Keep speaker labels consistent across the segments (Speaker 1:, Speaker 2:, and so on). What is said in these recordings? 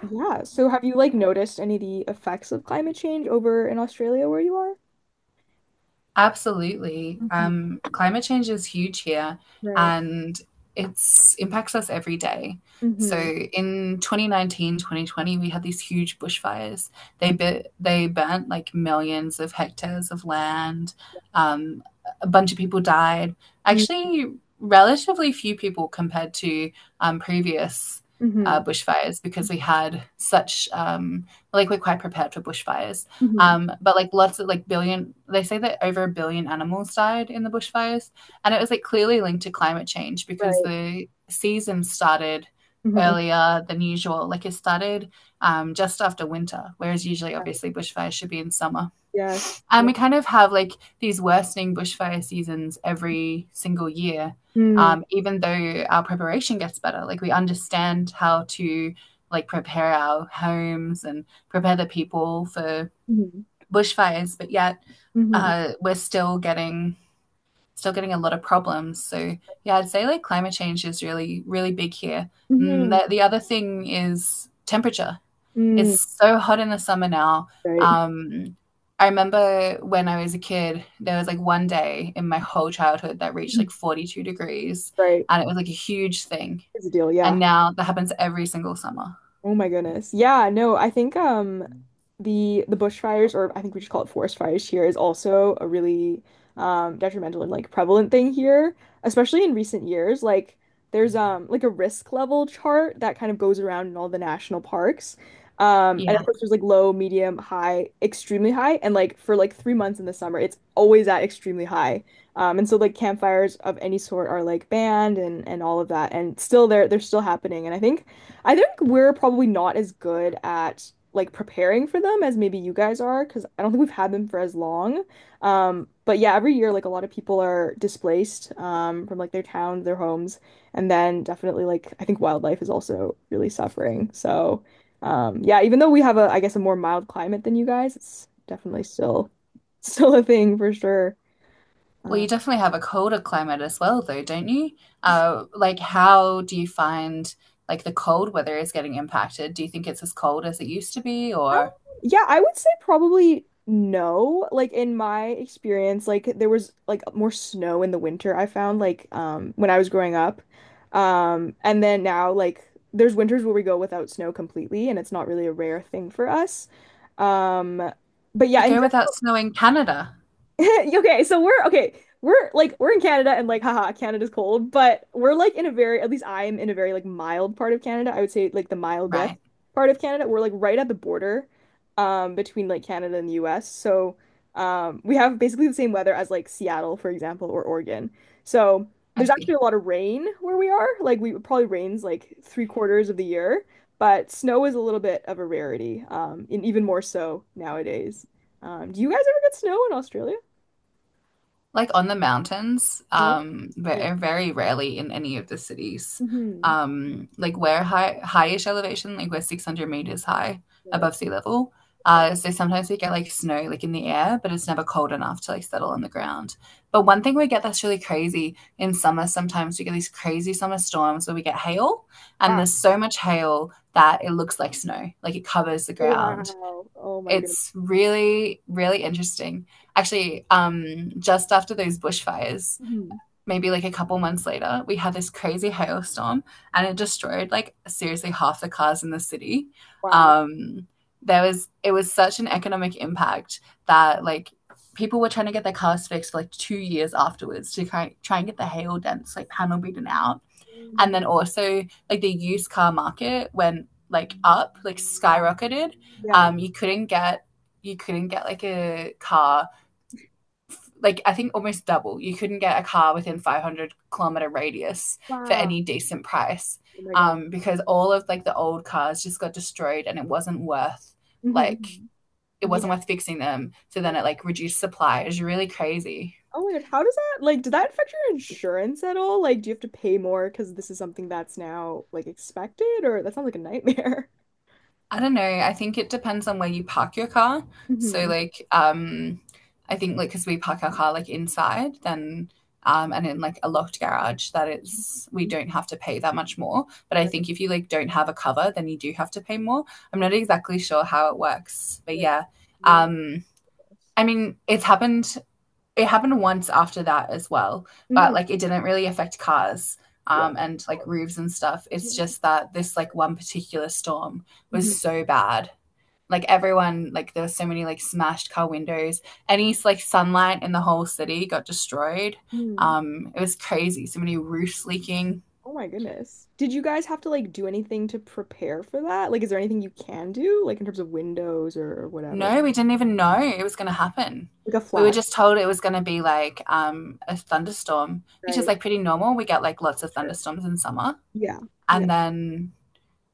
Speaker 1: Yeah. So have you noticed any of the effects of climate change over in Australia where you are?
Speaker 2: Absolutely.
Speaker 1: Hmm.
Speaker 2: Climate change is huge here
Speaker 1: Right.
Speaker 2: and it's impacts us every day. So
Speaker 1: Mm-hmm.
Speaker 2: in 2019 2020, we had these huge bushfires. They burnt like millions of hectares of land. Um, a bunch of people died.
Speaker 1: mm,
Speaker 2: Actually, relatively few people compared to previous
Speaker 1: Mm-hmm.
Speaker 2: bushfires because we had such like we're quite prepared for bushfires.
Speaker 1: Mm-hmm.
Speaker 2: But like lots of like billion, they say that over a billion animals died in the bushfires, and it was like clearly linked to climate change because
Speaker 1: Right.
Speaker 2: the season started
Speaker 1: Mm-hmm.
Speaker 2: earlier than usual. Like it started just after winter, whereas usually,
Speaker 1: Right.
Speaker 2: obviously, bushfires should be in summer.
Speaker 1: Yes.
Speaker 2: And
Speaker 1: Yes.
Speaker 2: we kind of have like these worsening bushfire seasons every single year,
Speaker 1: Mm-hmm.
Speaker 2: even though our preparation gets better. Like we understand how to like prepare our homes and prepare the people for
Speaker 1: Mm-hmm.
Speaker 2: bushfires, but yet
Speaker 1: Mm-hmm.
Speaker 2: we're still getting a lot of problems. So yeah, I'd say like climate change is really really big here. And
Speaker 1: Mm-hmm.
Speaker 2: the other thing is temperature.
Speaker 1: mm,
Speaker 2: It's so hot in the summer now.
Speaker 1: Right.
Speaker 2: Um, I remember when I was a kid, there was like one day in my whole childhood that reached
Speaker 1: Mhm.
Speaker 2: like 42 degrees,
Speaker 1: Right.
Speaker 2: and it was like a huge thing.
Speaker 1: It's a deal. Yeah.
Speaker 2: And now that happens every single summer.
Speaker 1: Oh my goodness. Yeah, no, I think the bushfires, or I think we just call it forest fires here, is also a really detrimental and like prevalent thing here, especially in recent years. Like there's like a risk level chart that kind of goes around in all the national parks. Um, and
Speaker 2: Yeah.
Speaker 1: of course there's like low, medium, high, extremely high, and like for like 3 months in the summer it's always at extremely high. Um, and so like campfires of any sort are like banned, and all of that, and still they're still happening. And I think we're probably not as good at like preparing for them as maybe you guys are, because I don't think we've had them for as long. But yeah, every year like a lot of people are displaced, from like their towns, their homes, and then definitely like I think wildlife is also really suffering. So, yeah, even though we have a, I guess, a more mild climate than you guys, it's definitely still still a thing for sure.
Speaker 2: Well,
Speaker 1: Um.
Speaker 2: you definitely have a colder climate as well, though, don't you? Like, how do you find like the cold weather is getting impacted? Do you think it's as cold as it used to be,
Speaker 1: Um,
Speaker 2: or
Speaker 1: yeah, I would say probably no. Like in my experience, like there was like more snow in the winter I found, like, when I was growing up. And then now like there's winters where we go without snow completely, and it's not really a rare thing for us. Um, but yeah,
Speaker 2: you
Speaker 1: in
Speaker 2: go without snow in Canada?
Speaker 1: okay, so we're okay. We're like, we're in Canada and like haha, Canada's cold, but we're like in a very, at least I'm in a very like mild part of Canada. I would say like the mildest
Speaker 2: Right,
Speaker 1: part of Canada. We're like right at the border, um, between like Canada and the US. So, um, we have basically the same weather as like Seattle, for example, or Oregon. So
Speaker 2: I
Speaker 1: there's actually
Speaker 2: see.
Speaker 1: a lot of rain where we are. Like we, it probably rains like three-quarters of the year, but snow is a little bit of a rarity, and even more so nowadays. Do you guys ever get snow in Australia?
Speaker 2: Like on the mountains,
Speaker 1: Oh, yeah.
Speaker 2: very rarely in any of the cities.
Speaker 1: Hmm.
Speaker 2: Like we're highish elevation, like we're 600 meters high
Speaker 1: Right.
Speaker 2: above sea level.
Speaker 1: Okay.
Speaker 2: So sometimes we get like snow like in the air, but it's never cold enough to like settle on the ground. But one thing we get that's really crazy in summer, sometimes we get these crazy summer storms where we get hail, and
Speaker 1: Wow.
Speaker 2: there's so much hail that it looks like snow, like it covers the ground.
Speaker 1: Wow. Oh my goodness.
Speaker 2: It's really, really interesting. Actually, just after those bushfires,
Speaker 1: Hmm.
Speaker 2: maybe like a couple months later, we had this crazy hailstorm and it destroyed like seriously half the cars in the city.
Speaker 1: Wow.
Speaker 2: Um, there was it was such an economic impact that like people were trying to get their cars fixed for like 2 years afterwards to try and get the hail dents like panel beaten out,
Speaker 1: Oh my
Speaker 2: and
Speaker 1: God.
Speaker 2: then also like the used car market went like up, like
Speaker 1: Wow.
Speaker 2: skyrocketed.
Speaker 1: Yeah.
Speaker 2: You couldn't get, you couldn't get like a car, like I think almost double. You couldn't get a car within 500-kilometer radius for
Speaker 1: Wow.
Speaker 2: any decent price,
Speaker 1: Oh my God.
Speaker 2: because all of like the old cars just got destroyed, and like
Speaker 1: Hmm.
Speaker 2: it wasn't
Speaker 1: Yeah.
Speaker 2: worth fixing them. So then it like reduced supply. It was really crazy.
Speaker 1: Oh my God. How does that like, did that affect your insurance at all? Like, do you have to pay more because this is something that's now like expected, or that sounds like a nightmare?
Speaker 2: I don't know. I think it depends on where you park your car. So
Speaker 1: Hmm.
Speaker 2: like I think like because we park our car like inside, then and in like a locked garage, that is, we
Speaker 1: Mm.
Speaker 2: don't have to pay that much more. But I
Speaker 1: Right.
Speaker 2: think if you like don't have a cover, then you do have to pay more. I'm not exactly sure how it works. But
Speaker 1: Okay.
Speaker 2: yeah.
Speaker 1: Yes.
Speaker 2: Um I mean, it happened once after that as well, but
Speaker 1: Mm.
Speaker 2: like it didn't really affect cars
Speaker 1: Wow.
Speaker 2: and like
Speaker 1: Oh.
Speaker 2: roofs and stuff. It's
Speaker 1: Hmm.
Speaker 2: just that this like one particular storm was so bad, like
Speaker 1: Mm.
Speaker 2: everyone like there were so many like smashed car windows, any like sunlight in the whole city got destroyed.
Speaker 1: Hmm.
Speaker 2: It was crazy, so many roofs leaking.
Speaker 1: Oh my goodness. Did you guys have to like do anything to prepare for that? Like, is there anything you can do, like in terms of windows or whatever?
Speaker 2: No, we didn't even know it was going to happen.
Speaker 1: Like a
Speaker 2: We were
Speaker 1: flash,
Speaker 2: just told it was going to be like a thunderstorm, which
Speaker 1: right?
Speaker 2: is like pretty normal. We get like lots of
Speaker 1: Sure.
Speaker 2: thunderstorms in summer,
Speaker 1: Yeah. Yeah.
Speaker 2: and then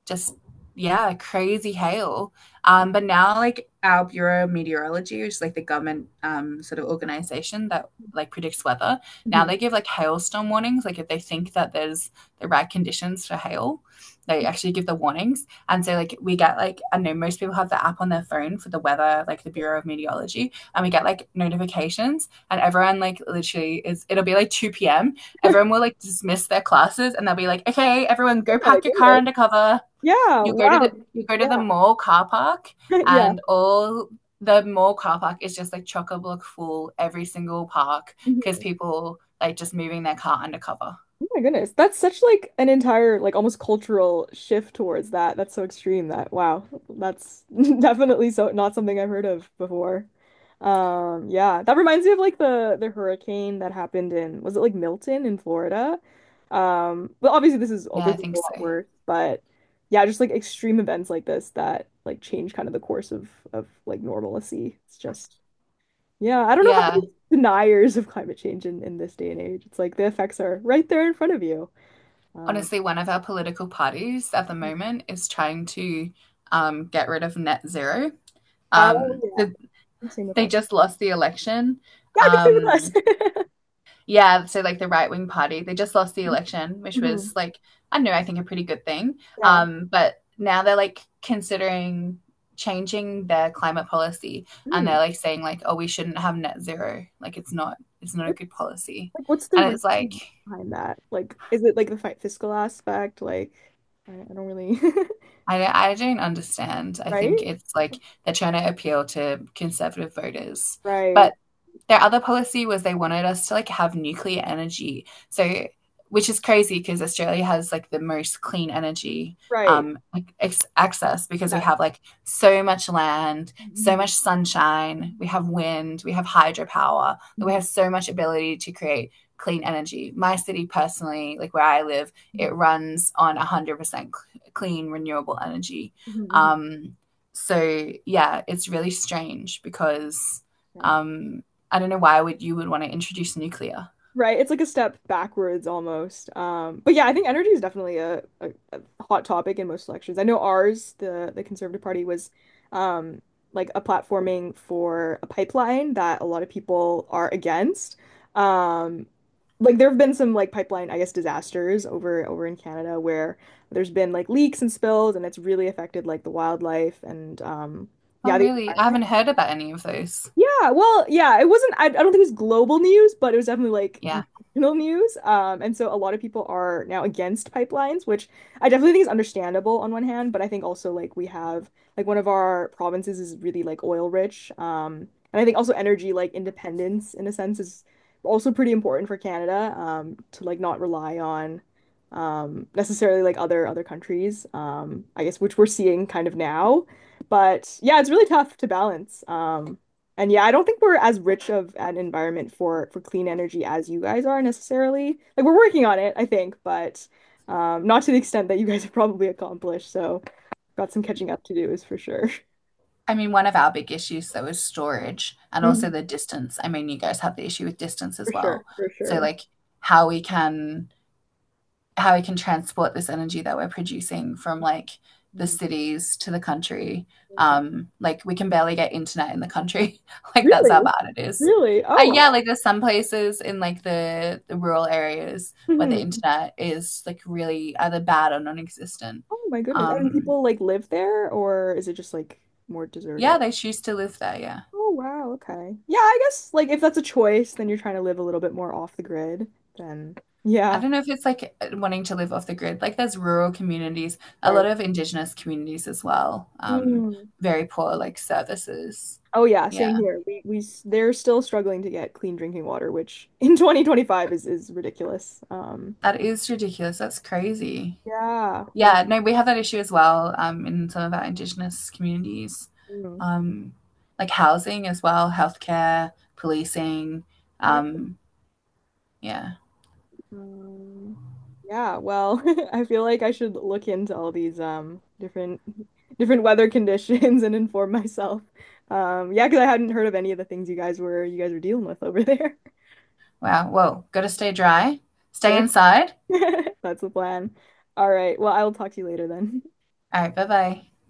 Speaker 2: just, yeah, crazy hail. But now like our Bureau of Meteorology, which is like the government sort of organization that like predicts weather, now
Speaker 1: Mhm.
Speaker 2: they give like hailstorm warnings. Like if they think that there's the right conditions for hail, they actually give the warnings. And so like we get like I know most people have the app on their phone for the weather, like the Bureau of Meteorology, and we get like notifications, and everyone like literally is, it'll be like two PM. Everyone will like dismiss their classes, and they'll be like, "Okay, everyone
Speaker 1: Oh
Speaker 2: go
Speaker 1: my
Speaker 2: pack your car
Speaker 1: goodness.
Speaker 2: under cover,
Speaker 1: Yeah.
Speaker 2: you go to the
Speaker 1: Wow.
Speaker 2: you go to the
Speaker 1: Yeah.
Speaker 2: mall car park,"
Speaker 1: Yeah.
Speaker 2: and all the mall car park is just like chock a block full every single park because
Speaker 1: Mhm.
Speaker 2: people like just moving their car undercover.
Speaker 1: Oh my goodness. That's such like an entire like almost cultural shift towards that. That's so extreme that wow. That's definitely so not something I've heard of before. Um, yeah, that reminds me of like the hurricane that happened in, was it like Milton in Florida? Um, well, obviously this is
Speaker 2: Yeah,
Speaker 1: this
Speaker 2: I
Speaker 1: is a
Speaker 2: think so.
Speaker 1: lot worse, but yeah, just like extreme events like this that like change kind of the course of like normalcy. It's just yeah, I don't know how to
Speaker 2: Yeah.
Speaker 1: be deniers of climate change in this day and age. It's like the effects are right there in front of you. Um,
Speaker 2: Honestly, one of our political parties at the moment is trying to get rid of net zero.
Speaker 1: oh
Speaker 2: Um, the,
Speaker 1: yeah, same with
Speaker 2: they
Speaker 1: us.
Speaker 2: just lost the election.
Speaker 1: Yeah, I think same
Speaker 2: Um,
Speaker 1: with us.
Speaker 2: Yeah, so like the right wing party, they just lost the election, which
Speaker 1: Hmm.
Speaker 2: was like, I don't know, I think a pretty good thing.
Speaker 1: Yeah.
Speaker 2: But now they're like considering changing their climate policy, and they're
Speaker 1: Hmm.
Speaker 2: like saying like, oh, we shouldn't have net zero. Like it's not a good
Speaker 1: What's,
Speaker 2: policy.
Speaker 1: like, what's the
Speaker 2: And it's like
Speaker 1: reason behind that? Like, is it like the fi fiscal aspect? Like, I don't really.
Speaker 2: I don't understand. I think
Speaker 1: Right?
Speaker 2: it's like they're trying to appeal to conservative voters.
Speaker 1: Right.
Speaker 2: But their other policy was they wanted us to like have nuclear energy. So, which is crazy because Australia has like the most clean energy
Speaker 1: Right.
Speaker 2: like access, because we
Speaker 1: Yes.
Speaker 2: have like so much land, so
Speaker 1: Mhm.
Speaker 2: much sunshine, we have wind, we have hydropower. Like, we
Speaker 1: Mhm.
Speaker 2: have so much ability to create clean energy. My city personally, like where I live, it
Speaker 1: Mhm.
Speaker 2: runs on 100% clean renewable energy.
Speaker 1: Mhm. Mhm. Mhm.
Speaker 2: Um so yeah, it's really strange because
Speaker 1: Right.
Speaker 2: um I don't know why would you would want to introduce nuclear.
Speaker 1: Right, it's like a step backwards almost. But yeah, I think energy is definitely a hot topic in most elections. I know ours, the Conservative Party, was, um, like a platforming for a pipeline that a lot of people are against. Um, like there have been some like pipeline, I guess, disasters over in Canada where there's been like leaks and spills, and it's really affected like the wildlife and, yeah,
Speaker 2: Oh,
Speaker 1: the
Speaker 2: really? I haven't
Speaker 1: environment.
Speaker 2: heard about any of those.
Speaker 1: Yeah, well, yeah, it wasn't, I don't think it was global news, but it was definitely like
Speaker 2: Yeah.
Speaker 1: national news. And so a lot of people are now against pipelines, which I definitely think is understandable on one hand, but I think also like we have like one of our provinces is really like oil rich. And I think also energy like independence in a sense is also pretty important for Canada, to like not rely on, um, necessarily like other countries, I guess, which we're seeing kind of now. But yeah, it's really tough to balance. Um, and yeah, I don't think we're as rich of an environment for clean energy as you guys are necessarily. Like we're working on it, I think, but not to the extent that you guys have probably accomplished. So, got some catching up to do is for sure.
Speaker 2: I mean, one of our big issues though is storage and also
Speaker 1: Mhm.
Speaker 2: the distance. I mean, you guys have the issue with distance
Speaker 1: For
Speaker 2: as
Speaker 1: sure,
Speaker 2: well.
Speaker 1: for
Speaker 2: So
Speaker 1: sure.
Speaker 2: like how we can how we can transport this energy that we're producing from like the
Speaker 1: Mhm.
Speaker 2: cities to the country. Like we can barely get internet in the country. Like that's how
Speaker 1: Really?
Speaker 2: bad it is.
Speaker 1: Really? Oh,
Speaker 2: Yeah,
Speaker 1: wow.
Speaker 2: like there's some places in like the rural areas where the
Speaker 1: Mhm.
Speaker 2: internet is like really either bad or non-existent.
Speaker 1: Oh my goodness. And
Speaker 2: Um,
Speaker 1: people like live there, or is it just like more
Speaker 2: yeah,
Speaker 1: deserted?
Speaker 2: they choose to live there. Yeah.
Speaker 1: Oh wow, okay. Yeah, I guess like if that's a choice, then you're trying to live a little bit more off the grid, then
Speaker 2: I
Speaker 1: yeah.
Speaker 2: don't know if it's like wanting to live off the grid. Like there's rural communities, a lot of indigenous communities as well.
Speaker 1: Right.
Speaker 2: Very poor like services.
Speaker 1: Oh yeah,
Speaker 2: Yeah.
Speaker 1: same here. We s- they're still struggling to get clean drinking water, which in 2025 is ridiculous.
Speaker 2: That is ridiculous. That's crazy.
Speaker 1: Yeah, we
Speaker 2: Yeah, no, we have that issue as well in some of our Indigenous communities,
Speaker 1: mm,
Speaker 2: um, like housing as well, healthcare, policing.
Speaker 1: right.
Speaker 2: Um, yeah.
Speaker 1: Um, yeah, well, I feel like I should look into all these different different weather conditions and inform myself. Yeah, because I hadn't heard of any of the things you guys were dealing with over there.
Speaker 2: Wow. Whoa. Got to stay dry. Stay
Speaker 1: Sure.
Speaker 2: inside.
Speaker 1: That's the plan. All right. Well, I will talk to you later then.
Speaker 2: All right. Bye bye.